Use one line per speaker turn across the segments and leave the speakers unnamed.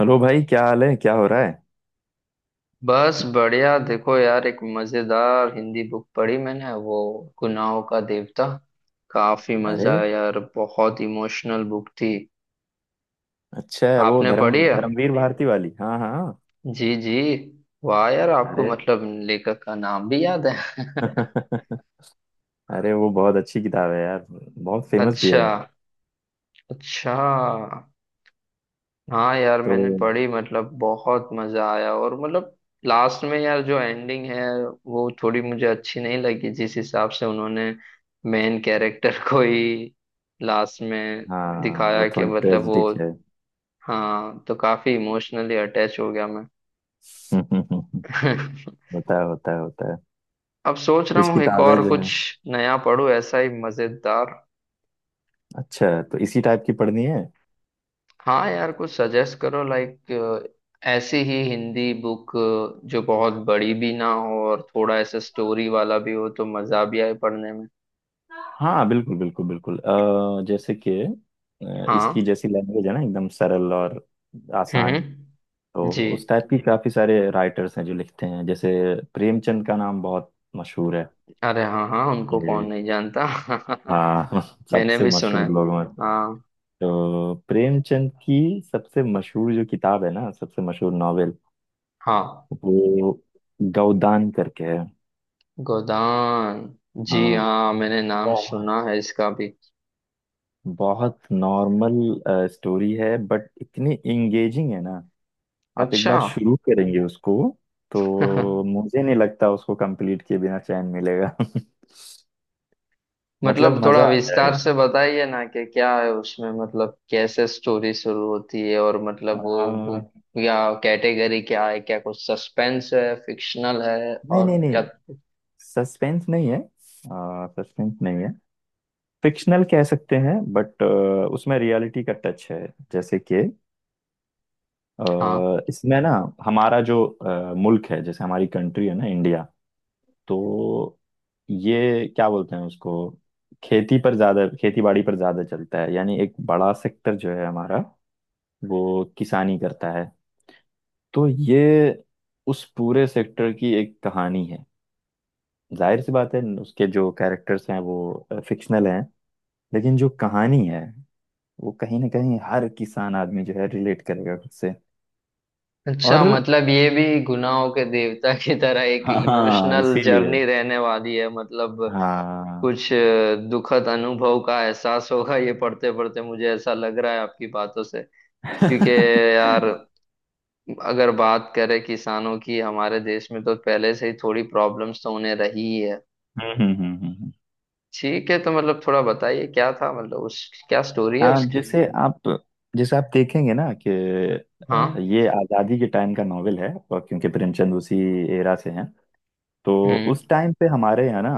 Hello भाई, क्या हाल है? क्या हो रहा है?
बस बढ़िया। देखो यार, एक मजेदार हिंदी बुक पढ़ी मैंने, वो गुनाहों का देवता। काफी
अरे!
मजा आया यार, बहुत इमोशनल बुक थी।
अच्छा है वो,
आपने
धर्म
पढ़ी है?
धर्मवीर भारती वाली। हाँ हाँ हाँ।
जी जी। वाह यार, आपको
अरे!
मतलब लेखक का नाम भी याद है।
अरे, वो बहुत अच्छी किताब है यार, बहुत फेमस भी
अच्छा,
है
अच्छा। हाँ यार,
तो।
मैंने पढ़ी, मतलब बहुत मजा आया, और मतलब लास्ट में यार जो एंडिंग है, वो थोड़ी मुझे अच्छी नहीं लगी, जिस हिसाब से उन्होंने मेन कैरेक्टर को ही लास्ट में
हाँ,
दिखाया
वो
कि
थोड़ी
मतलब वो।
ट्रेजिक है।
हाँ, तो काफी इमोशनली अटैच हो गया मैं।
होता है, होता है, होता है।
अब सोच रहा
कुछ
हूँ एक
किताबें
और
जो हैं।
कुछ नया पढ़ूँ, ऐसा ही मजेदार।
अच्छा, तो इसी टाइप की पढ़नी है?
हाँ यार, कुछ सजेस्ट करो, लाइक ऐसी ही हिंदी बुक जो बहुत बड़ी भी ना हो और थोड़ा ऐसा स्टोरी वाला भी हो, तो मजा भी आए पढ़ने में।
हाँ बिल्कुल बिल्कुल बिल्कुल। जैसे कि, इसकी
हाँ।
जैसी लैंग्वेज है ना, एकदम सरल और आसान।
हम्म।
तो
जी।
उस टाइप की काफी सारे राइटर्स हैं जो लिखते हैं। जैसे, प्रेमचंद का नाम बहुत मशहूर है।
अरे हाँ हाँ, उनको कौन
ये-
नहीं जानता।
हाँ।
मैंने
सबसे
भी सुना है।
मशहूर लोगों में।
हाँ।
तो प्रेमचंद की सबसे मशहूर जो किताब है ना, सबसे मशहूर नॉवेल,
हाँ।
वो गोदान करके है।
गोदान। जी
हाँ।
हाँ, मैंने नाम
बहुत
सुना है इसका भी।
बहुत नॉर्मल स्टोरी है बट इतनी इंगेजिंग है ना, आप एक
अच्छा।
बार शुरू करेंगे उसको तो मुझे नहीं लगता उसको कंप्लीट किए बिना चैन मिलेगा। मतलब
मतलब थोड़ा
मजा आ
विस्तार
जाएगा।
से बताइए ना, कि क्या है उसमें, मतलब कैसे स्टोरी शुरू होती है, और मतलब वो
आ,
बुक या कैटेगरी क्या है, क्या कुछ सस्पेंस है, फिक्शनल है,
नहीं
और
नहीं नहीं,
क्या?
सस्पेंस नहीं है। सस्पेंस नहीं है। फिक्शनल कह सकते हैं बट उसमें रियलिटी का टच है। जैसे कि,
हाँ।
इसमें ना, हमारा जो मुल्क है, जैसे हमारी कंट्री है ना, इंडिया। तो ये क्या बोलते हैं उसको, खेती पर ज्यादा, खेती बाड़ी पर ज्यादा चलता है, यानी एक बड़ा सेक्टर जो है हमारा वो किसानी करता है। तो ये उस पूरे सेक्टर की एक कहानी है। जाहिर सी बात है उसके जो कैरेक्टर्स हैं वो फिक्शनल हैं, लेकिन जो कहानी है, वो कहीं ना कहीं हर किसान आदमी जो है रिलेट करेगा खुद से।
अच्छा,
और
मतलब ये भी गुनाहों के देवता की तरह एक
हाँ,
इमोशनल
इसीलिए।
जर्नी रहने वाली है, मतलब
हाँ।
कुछ दुखद अनुभव का एहसास होगा, ये पढ़ते पढ़ते मुझे ऐसा लग रहा है आपकी बातों से। क्योंकि यार,
हम्म
अगर बात करें किसानों की हमारे देश में, तो पहले से ही थोड़ी प्रॉब्लम्स तो उन्हें रही ही है।
हम्म हम्म, हम्म।
ठीक है, तो मतलब थोड़ा बताइए क्या था, मतलब उस, क्या स्टोरी है
आप
उसकी।
जैसे आप जैसे आप देखेंगे ना कि,
हाँ।
ये आज़ादी के टाइम का नॉवेल है, और क्योंकि प्रेमचंद उसी एरा से हैं तो।
हम्म।
उस टाइम पे हमारे यहाँ ना,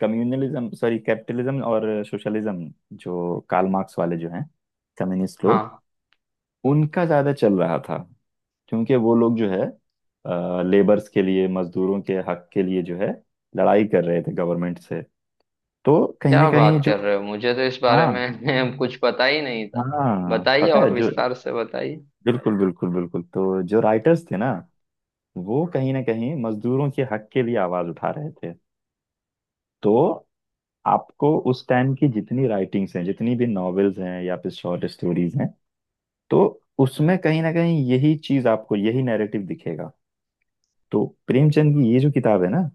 कम्युनलिज्म, सॉरी, कैपिटलिज्म और सोशलिज्म, जो कार्ल मार्क्स वाले जो हैं कम्युनिस्ट लोग,
हाँ।
उनका ज्यादा चल रहा था। क्योंकि वो लोग जो है, लेबर्स के लिए, मजदूरों के हक के लिए जो है, लड़ाई कर रहे थे गवर्नमेंट से। तो कहीं ना
क्या
कहीं
बात
जो।
कर रहे हो, मुझे तो इस बारे
हाँ।
में कुछ पता ही नहीं था।
हाँ
बताइए
पता है
और
जो।
विस्तार से बताइए।
बिल्कुल बिल्कुल बिल्कुल। तो जो राइटर्स थे ना, वो कहीं ना कहीं मजदूरों के हक के लिए आवाज उठा रहे थे। तो आपको उस टाइम की जितनी राइटिंग्स हैं, जितनी भी नॉवेल्स हैं या फिर शॉर्ट स्टोरीज हैं, तो उसमें कहीं ना कहीं यही चीज, आपको यही नैरेटिव दिखेगा। तो प्रेमचंद की ये जो किताब है ना,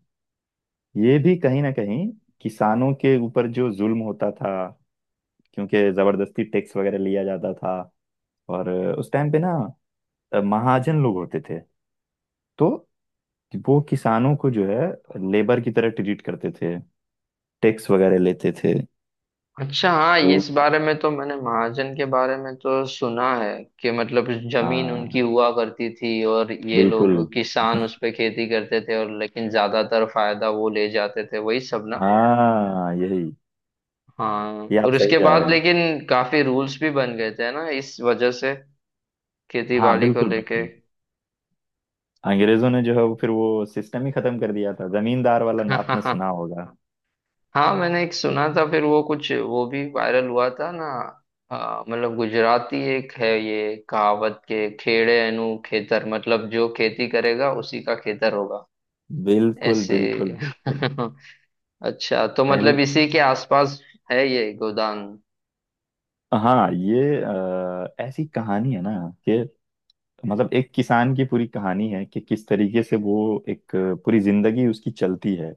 ये भी कहीं ना कहीं, किसानों के ऊपर जो जुल्म होता था, क्योंकि जबरदस्ती टैक्स वगैरह लिया जाता था, और उस टाइम पे ना, महाजन लोग होते थे, तो वो किसानों को जो है, लेबर की तरह ट्रीट करते थे, टैक्स वगैरह लेते थे।
अच्छा हाँ,
तो
इस बारे में तो मैंने महाजन के बारे में तो सुना है, कि मतलब जमीन उनकी
हाँ
हुआ करती थी और ये लोग
बिल्कुल।
किसान उस पे खेती करते थे, और लेकिन ज्यादातर फायदा वो ले जाते थे, वही सब ना।
हाँ यही,
हाँ,
ये आप
और
सही
उसके
जा
बाद
रहे हैं।
लेकिन काफी रूल्स भी बन गए थे ना इस वजह से, खेती
हाँ
बाड़ी को
बिल्कुल
लेके।
बिल्कुल। अंग्रेजों ने जो है वो, फिर वो सिस्टम ही खत्म कर दिया था जमींदार वाला। आपने सुना होगा।
हाँ, मैंने एक
ये
सुना था फिर वो, कुछ वो भी वायरल हुआ था ना। मतलब गुजराती एक है ये कहावत, के खेड़े एनु खेतर, मतलब जो खेती करेगा उसी का खेतर होगा।
बिल्कुल
ऐसे।
बिल्कुल बिल्कुल।
अच्छा, तो
पहले।
मतलब इसी के आसपास है ये गोदान।
हाँ, ये ऐसी कहानी है ना कि, मतलब एक किसान की पूरी कहानी है कि किस तरीके से वो, एक पूरी जिंदगी उसकी चलती है,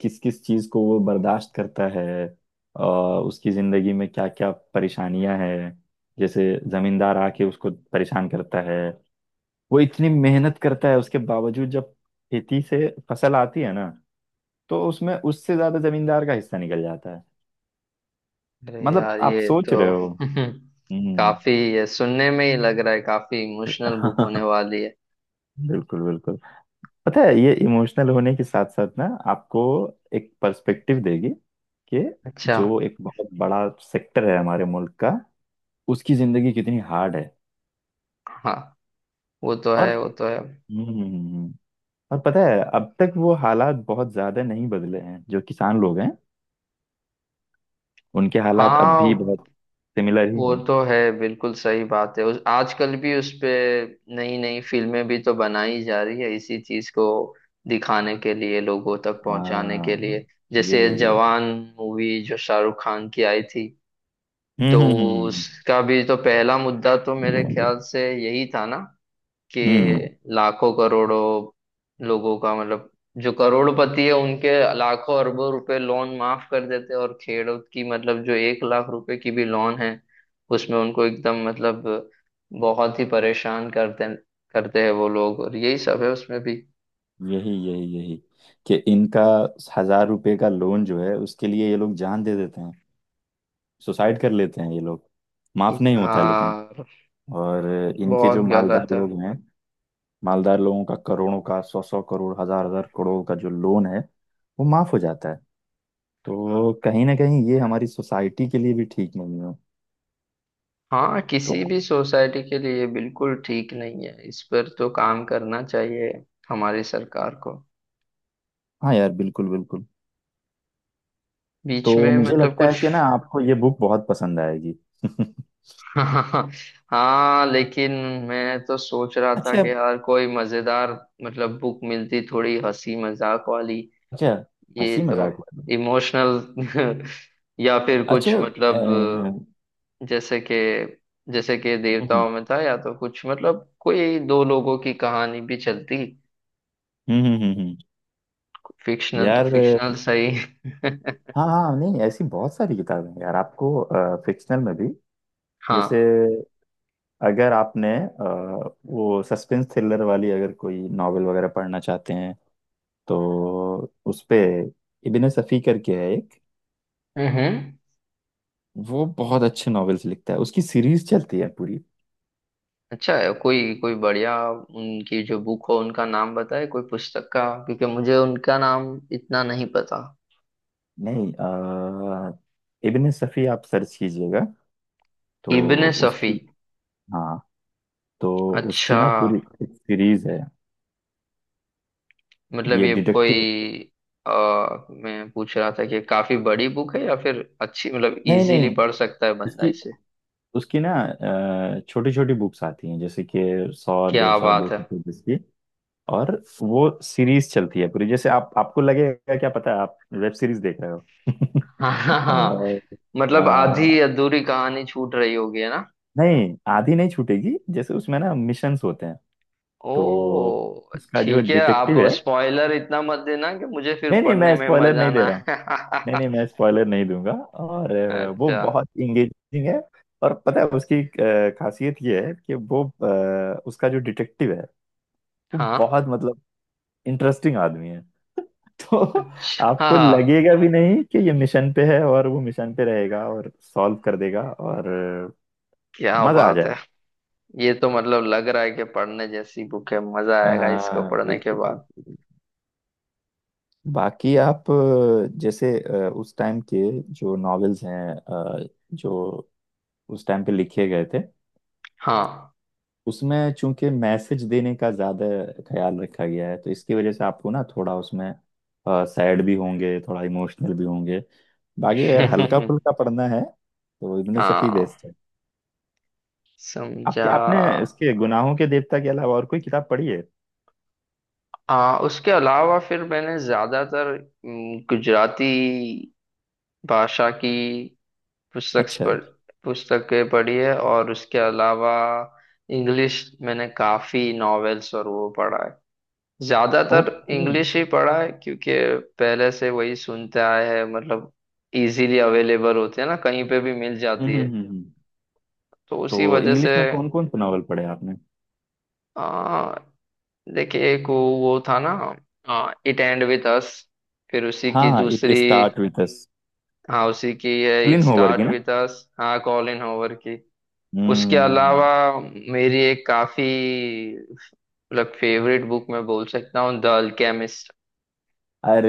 किस किस चीज को वो बर्दाश्त करता है, अ, उसकी जिंदगी में क्या क्या परेशानियां हैं। जैसे जमींदार आके उसको परेशान करता है, वो इतनी मेहनत करता है उसके बावजूद जब खेती से फसल आती है ना, तो उसमें उससे ज्यादा जमींदार का हिस्सा निकल जाता है।
अरे
मतलब
यार,
आप
ये
सोच
तो
रहे हो। हम्म।
काफी, ये सुनने में ही लग रहा है काफी इमोशनल बुक होने वाली है।
बिल्कुल बिल्कुल। पता है, ये इमोशनल होने के साथ साथ ना, आपको एक पर्सपेक्टिव देगी, कि
अच्छा।
जो एक बहुत बड़ा सेक्टर है हमारे मुल्क का, उसकी जिंदगी कितनी हार्ड है।
हाँ, वो तो
और।
है, वो तो है।
हम्म हम्म, हम्म, हम्म। और पता है, अब तक वो हालात बहुत ज्यादा नहीं बदले हैं, जो किसान लोग हैं उनके हालात अब
हाँ,
भी बहुत सिमिलर ही
वो
हैं।
तो है, बिल्कुल सही बात है, उस आजकल भी उस पे नई नई फिल्में भी तो बनाई जा रही है, इसी चीज को दिखाने के लिए, लोगों तक पहुंचाने के
हाँ
लिए।
यही
जैसे
यही।
जवान मूवी जो शाहरुख खान की आई थी, तो
हम्म हम्म हम्म
उसका भी तो पहला मुद्दा तो मेरे ख्याल से यही था ना, कि
हम्म,
लाखों करोड़ों लोगों का, मतलब जो करोड़पति है उनके लाखों अरबों रुपए लोन माफ कर देते हैं, और खेड़ूत की, मतलब जो 1 लाख रुपए की भी लोन है, उसमें उनको एकदम, मतलब बहुत ही परेशान करते करते हैं वो लोग, और यही सब है उसमें भी।
यही यही यही। कि इनका 1000 रुपए का लोन जो है उसके लिए ये लोग जान दे देते हैं, सुसाइड कर लेते हैं ये लोग। माफ नहीं होता लेकिन।
यार,
और इनके जो
बहुत
मालदार
गलत है।
लोग हैं, मालदार लोगों का करोड़ों का, सौ सौ करोड़, हजार हजार करोड़ का जो लोन है, वो माफ हो जाता है। तो कहीं ना कहीं ये हमारी सोसाइटी के लिए भी ठीक नहीं है।
हाँ,
तो
किसी भी सोसाइटी के लिए ये बिल्कुल ठीक नहीं है, इस पर तो काम करना चाहिए हमारी सरकार को।
हाँ यार बिल्कुल बिल्कुल। तो
बीच में
मुझे
मतलब
लगता है
कुछ।
कि ना, आपको ये बुक बहुत पसंद आएगी।
हाँ। हाँ लेकिन मैं तो सोच रहा था
अच्छा।
कि यार कोई मजेदार, मतलब बुक मिलती थोड़ी हंसी मजाक वाली,
अच्छा,
ये
हंसी
तो
मजाक वाली बुक।
इमोशनल। या फिर
अच्छा।
कुछ, मतलब
हम्म।
जैसे कि जैसे कि देवताओं
हम्म
में था, या तो कुछ, मतलब कोई दो लोगों की कहानी भी चलती।
हम्म, हम्म, हम्म,
फिक्शनल तो
यार।
फिक्शनल सही।
हाँ हाँ। नहीं, ऐसी बहुत सारी किताबें हैं यार आपको, फिक्शनल में भी। जैसे
हाँ।
अगर आपने, वो सस्पेंस थ्रिलर वाली अगर कोई नॉवेल वगैरह पढ़ना चाहते हैं तो, उस पे इब्ने सफ़ी करके है एक।
हम्म।
वो बहुत अच्छे नॉवेल्स लिखता है, उसकी सीरीज चलती है पूरी।
अच्छा है, कोई कोई बढ़िया उनकी जो बुक हो उनका नाम बताए कोई पुस्तक का, क्योंकि मुझे उनका नाम इतना नहीं पता।
नहीं, इब्ने सफ़ी आप सर्च कीजिएगा, तो
इब्ने सफी।
उसकी। हाँ, तो उसकी
अच्छा,
ना पूरी एक सीरीज है।
मतलब
ये
ये
डिटेक्टिव।
कोई आ, मैं पूछ रहा था कि काफी बड़ी बुक है या फिर अच्छी, मतलब
नहीं नहीं
इजीली पढ़
नहीं,
सकता है बंदा
उसकी
इसे।
उसकी ना छोटी छोटी बुक्स आती हैं, जैसे कि सौ डेढ़
क्या
सौ दो
बात है।
सौ पेजेस की। और वो सीरीज चलती है पूरी, जैसे आप आपको लगेगा क्या पता है आप वेब सीरीज देख रहे हो।
हाँ हाँ हाँ,
और।
मतलब आधी
अ,
अधूरी कहानी छूट रही होगी है ना।
नहीं, आधी नहीं छूटेगी। जैसे उसमें ना, मिशंस होते हैं।
ओ।
तो उसका जो
ठीक है, आप
डिटेक्टिव है।
स्पॉइलर इतना मत देना कि मुझे फिर
नहीं नहीं,
पढ़ने
मैं
में
स्पॉइलर
मजा
नहीं दे
ना
रहा हूँ। नहीं
आए।
नहीं, मैं स्पॉइलर नहीं दूंगा। और वो
अच्छा।
बहुत इंगेजिंग है। और पता है, उसकी खासियत ये है कि वो, उसका जो डिटेक्टिव है वो
हाँ।
बहुत मतलब इंटरेस्टिंग आदमी है। तो,
अच्छा।
आपको लगेगा भी नहीं कि ये मिशन पे है, और वो मिशन पे रहेगा और सॉल्व कर देगा, और
क्या
मजा आ
बात है,
जाए।
ये तो मतलब लग रहा है कि पढ़ने जैसी बुक है, मजा आएगा इसको
हाँ
पढ़ने के
बिल्कुल
बाद।
बिल्कुल। बाकी आप जैसे उस टाइम के जो नॉवेल्स हैं, जो उस टाइम पे लिखे गए थे,
हाँ।
उसमें चूंकि मैसेज देने का ज्यादा ख्याल रखा गया है, तो इसकी वजह से आपको ना थोड़ा उसमें सैड भी होंगे, थोड़ा इमोशनल भी होंगे। बाकी अगर हल्का फुल्का पढ़ना है, तो इब्ने सफी
हाँ,
बेस्ट है।
समझा।
आपके आपने इसके गुनाहों के देवता के अलावा और कोई किताब पढ़ी है?
उसके अलावा फिर मैंने ज्यादातर गुजराती भाषा की पुस्तक
अच्छा।
पढ़ पुस्तकें पढ़ी है, और उसके अलावा इंग्लिश मैंने काफी नॉवेल्स और वो पढ़ा है, ज्यादातर
ओके।
इंग्लिश ही पढ़ा है, क्योंकि पहले से वही सुनते आए हैं, मतलब इजीली अवेलेबल होते हैं ना, कहीं पे भी मिल
हम्म
जाती है,
हम्म हम्म।
तो
तो
उसी वजह से।
इंग्लिश में कौन कौन से नॉवल पढ़े आपने?
आ, देखिए, एक वो था ना। इट एंड विथ अस, फिर उसी की
हाँ हाँ, इट
दूसरी।
Start with us.
हाँ उसी की है, इट
क्लीन होवर की
स्टार्ट
ना।
With us. हाँ, कॉलिन हॉवर की। उसके
हम्म।
अलावा मेरी एक काफी, मतलब फेवरेट बुक, मैं बोल सकता हूँ, द अल्केमिस्ट।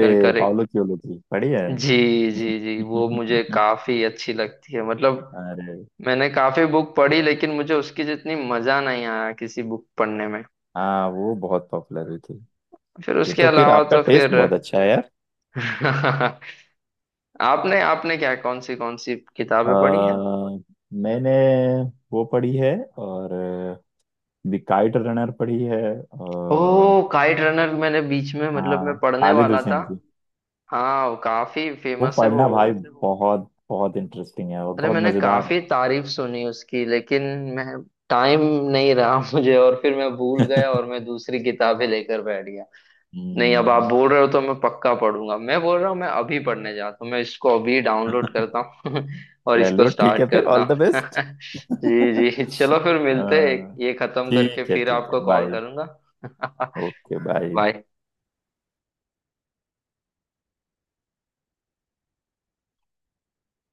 कर कर
पाउलो क्योलो की, बढ़िया है।
जी जी, जी, वो मुझे काफी अच्छी लगती है, मतलब
अरे
मैंने काफी बुक पढ़ी, लेकिन मुझे उसकी जितनी मजा नहीं आया किसी बुक पढ़ने में।
हाँ, वो बहुत पॉपुलर हुई थी।
फिर
ये
उसके
तो फिर
अलावा
आपका
तो
टेस्ट
फिर।
बहुत अच्छा है यार।
आपने आपने क्या, कौन सी
अ,
किताबें पढ़ी हैं?
मैंने वो पढ़ी है, और द काइट रनर पढ़ी है,
ओ,
और।
काइट रनर मैंने बीच में, मतलब मैं
हाँ,
पढ़ने
खालिद
वाला था।
हुसैन की।
हाँ, वो काफी
वो
फेमस है वो।
पढ़ना भाई, बहुत बहुत इंटरेस्टिंग है और
अरे
बहुत
मैंने
मजेदार है।
काफी तारीफ सुनी उसकी, लेकिन मैं, टाइम नहीं रहा मुझे, और फिर मैं भूल गया और मैं दूसरी किताबें लेकर बैठ गया। नहीं, अब आप
हम्म।
बोल रहे हो तो मैं पक्का पढ़ूंगा, मैं बोल रहा हूँ, मैं अभी पढ़ने जाता हूँ, मैं इसको अभी डाउनलोड करता हूँ और इसको
चलो ठीक है,
स्टार्ट
और फिर
करता
ऑल द
हूँ।
बेस्ट। चलो।
जी जी, चलो फिर मिलते हैं।
हाँ।
ये खत्म करके
ठीक है,
फिर
ठीक
आपको
है,
कॉल
बाय।
करूंगा।
Okay, bye.
बाय।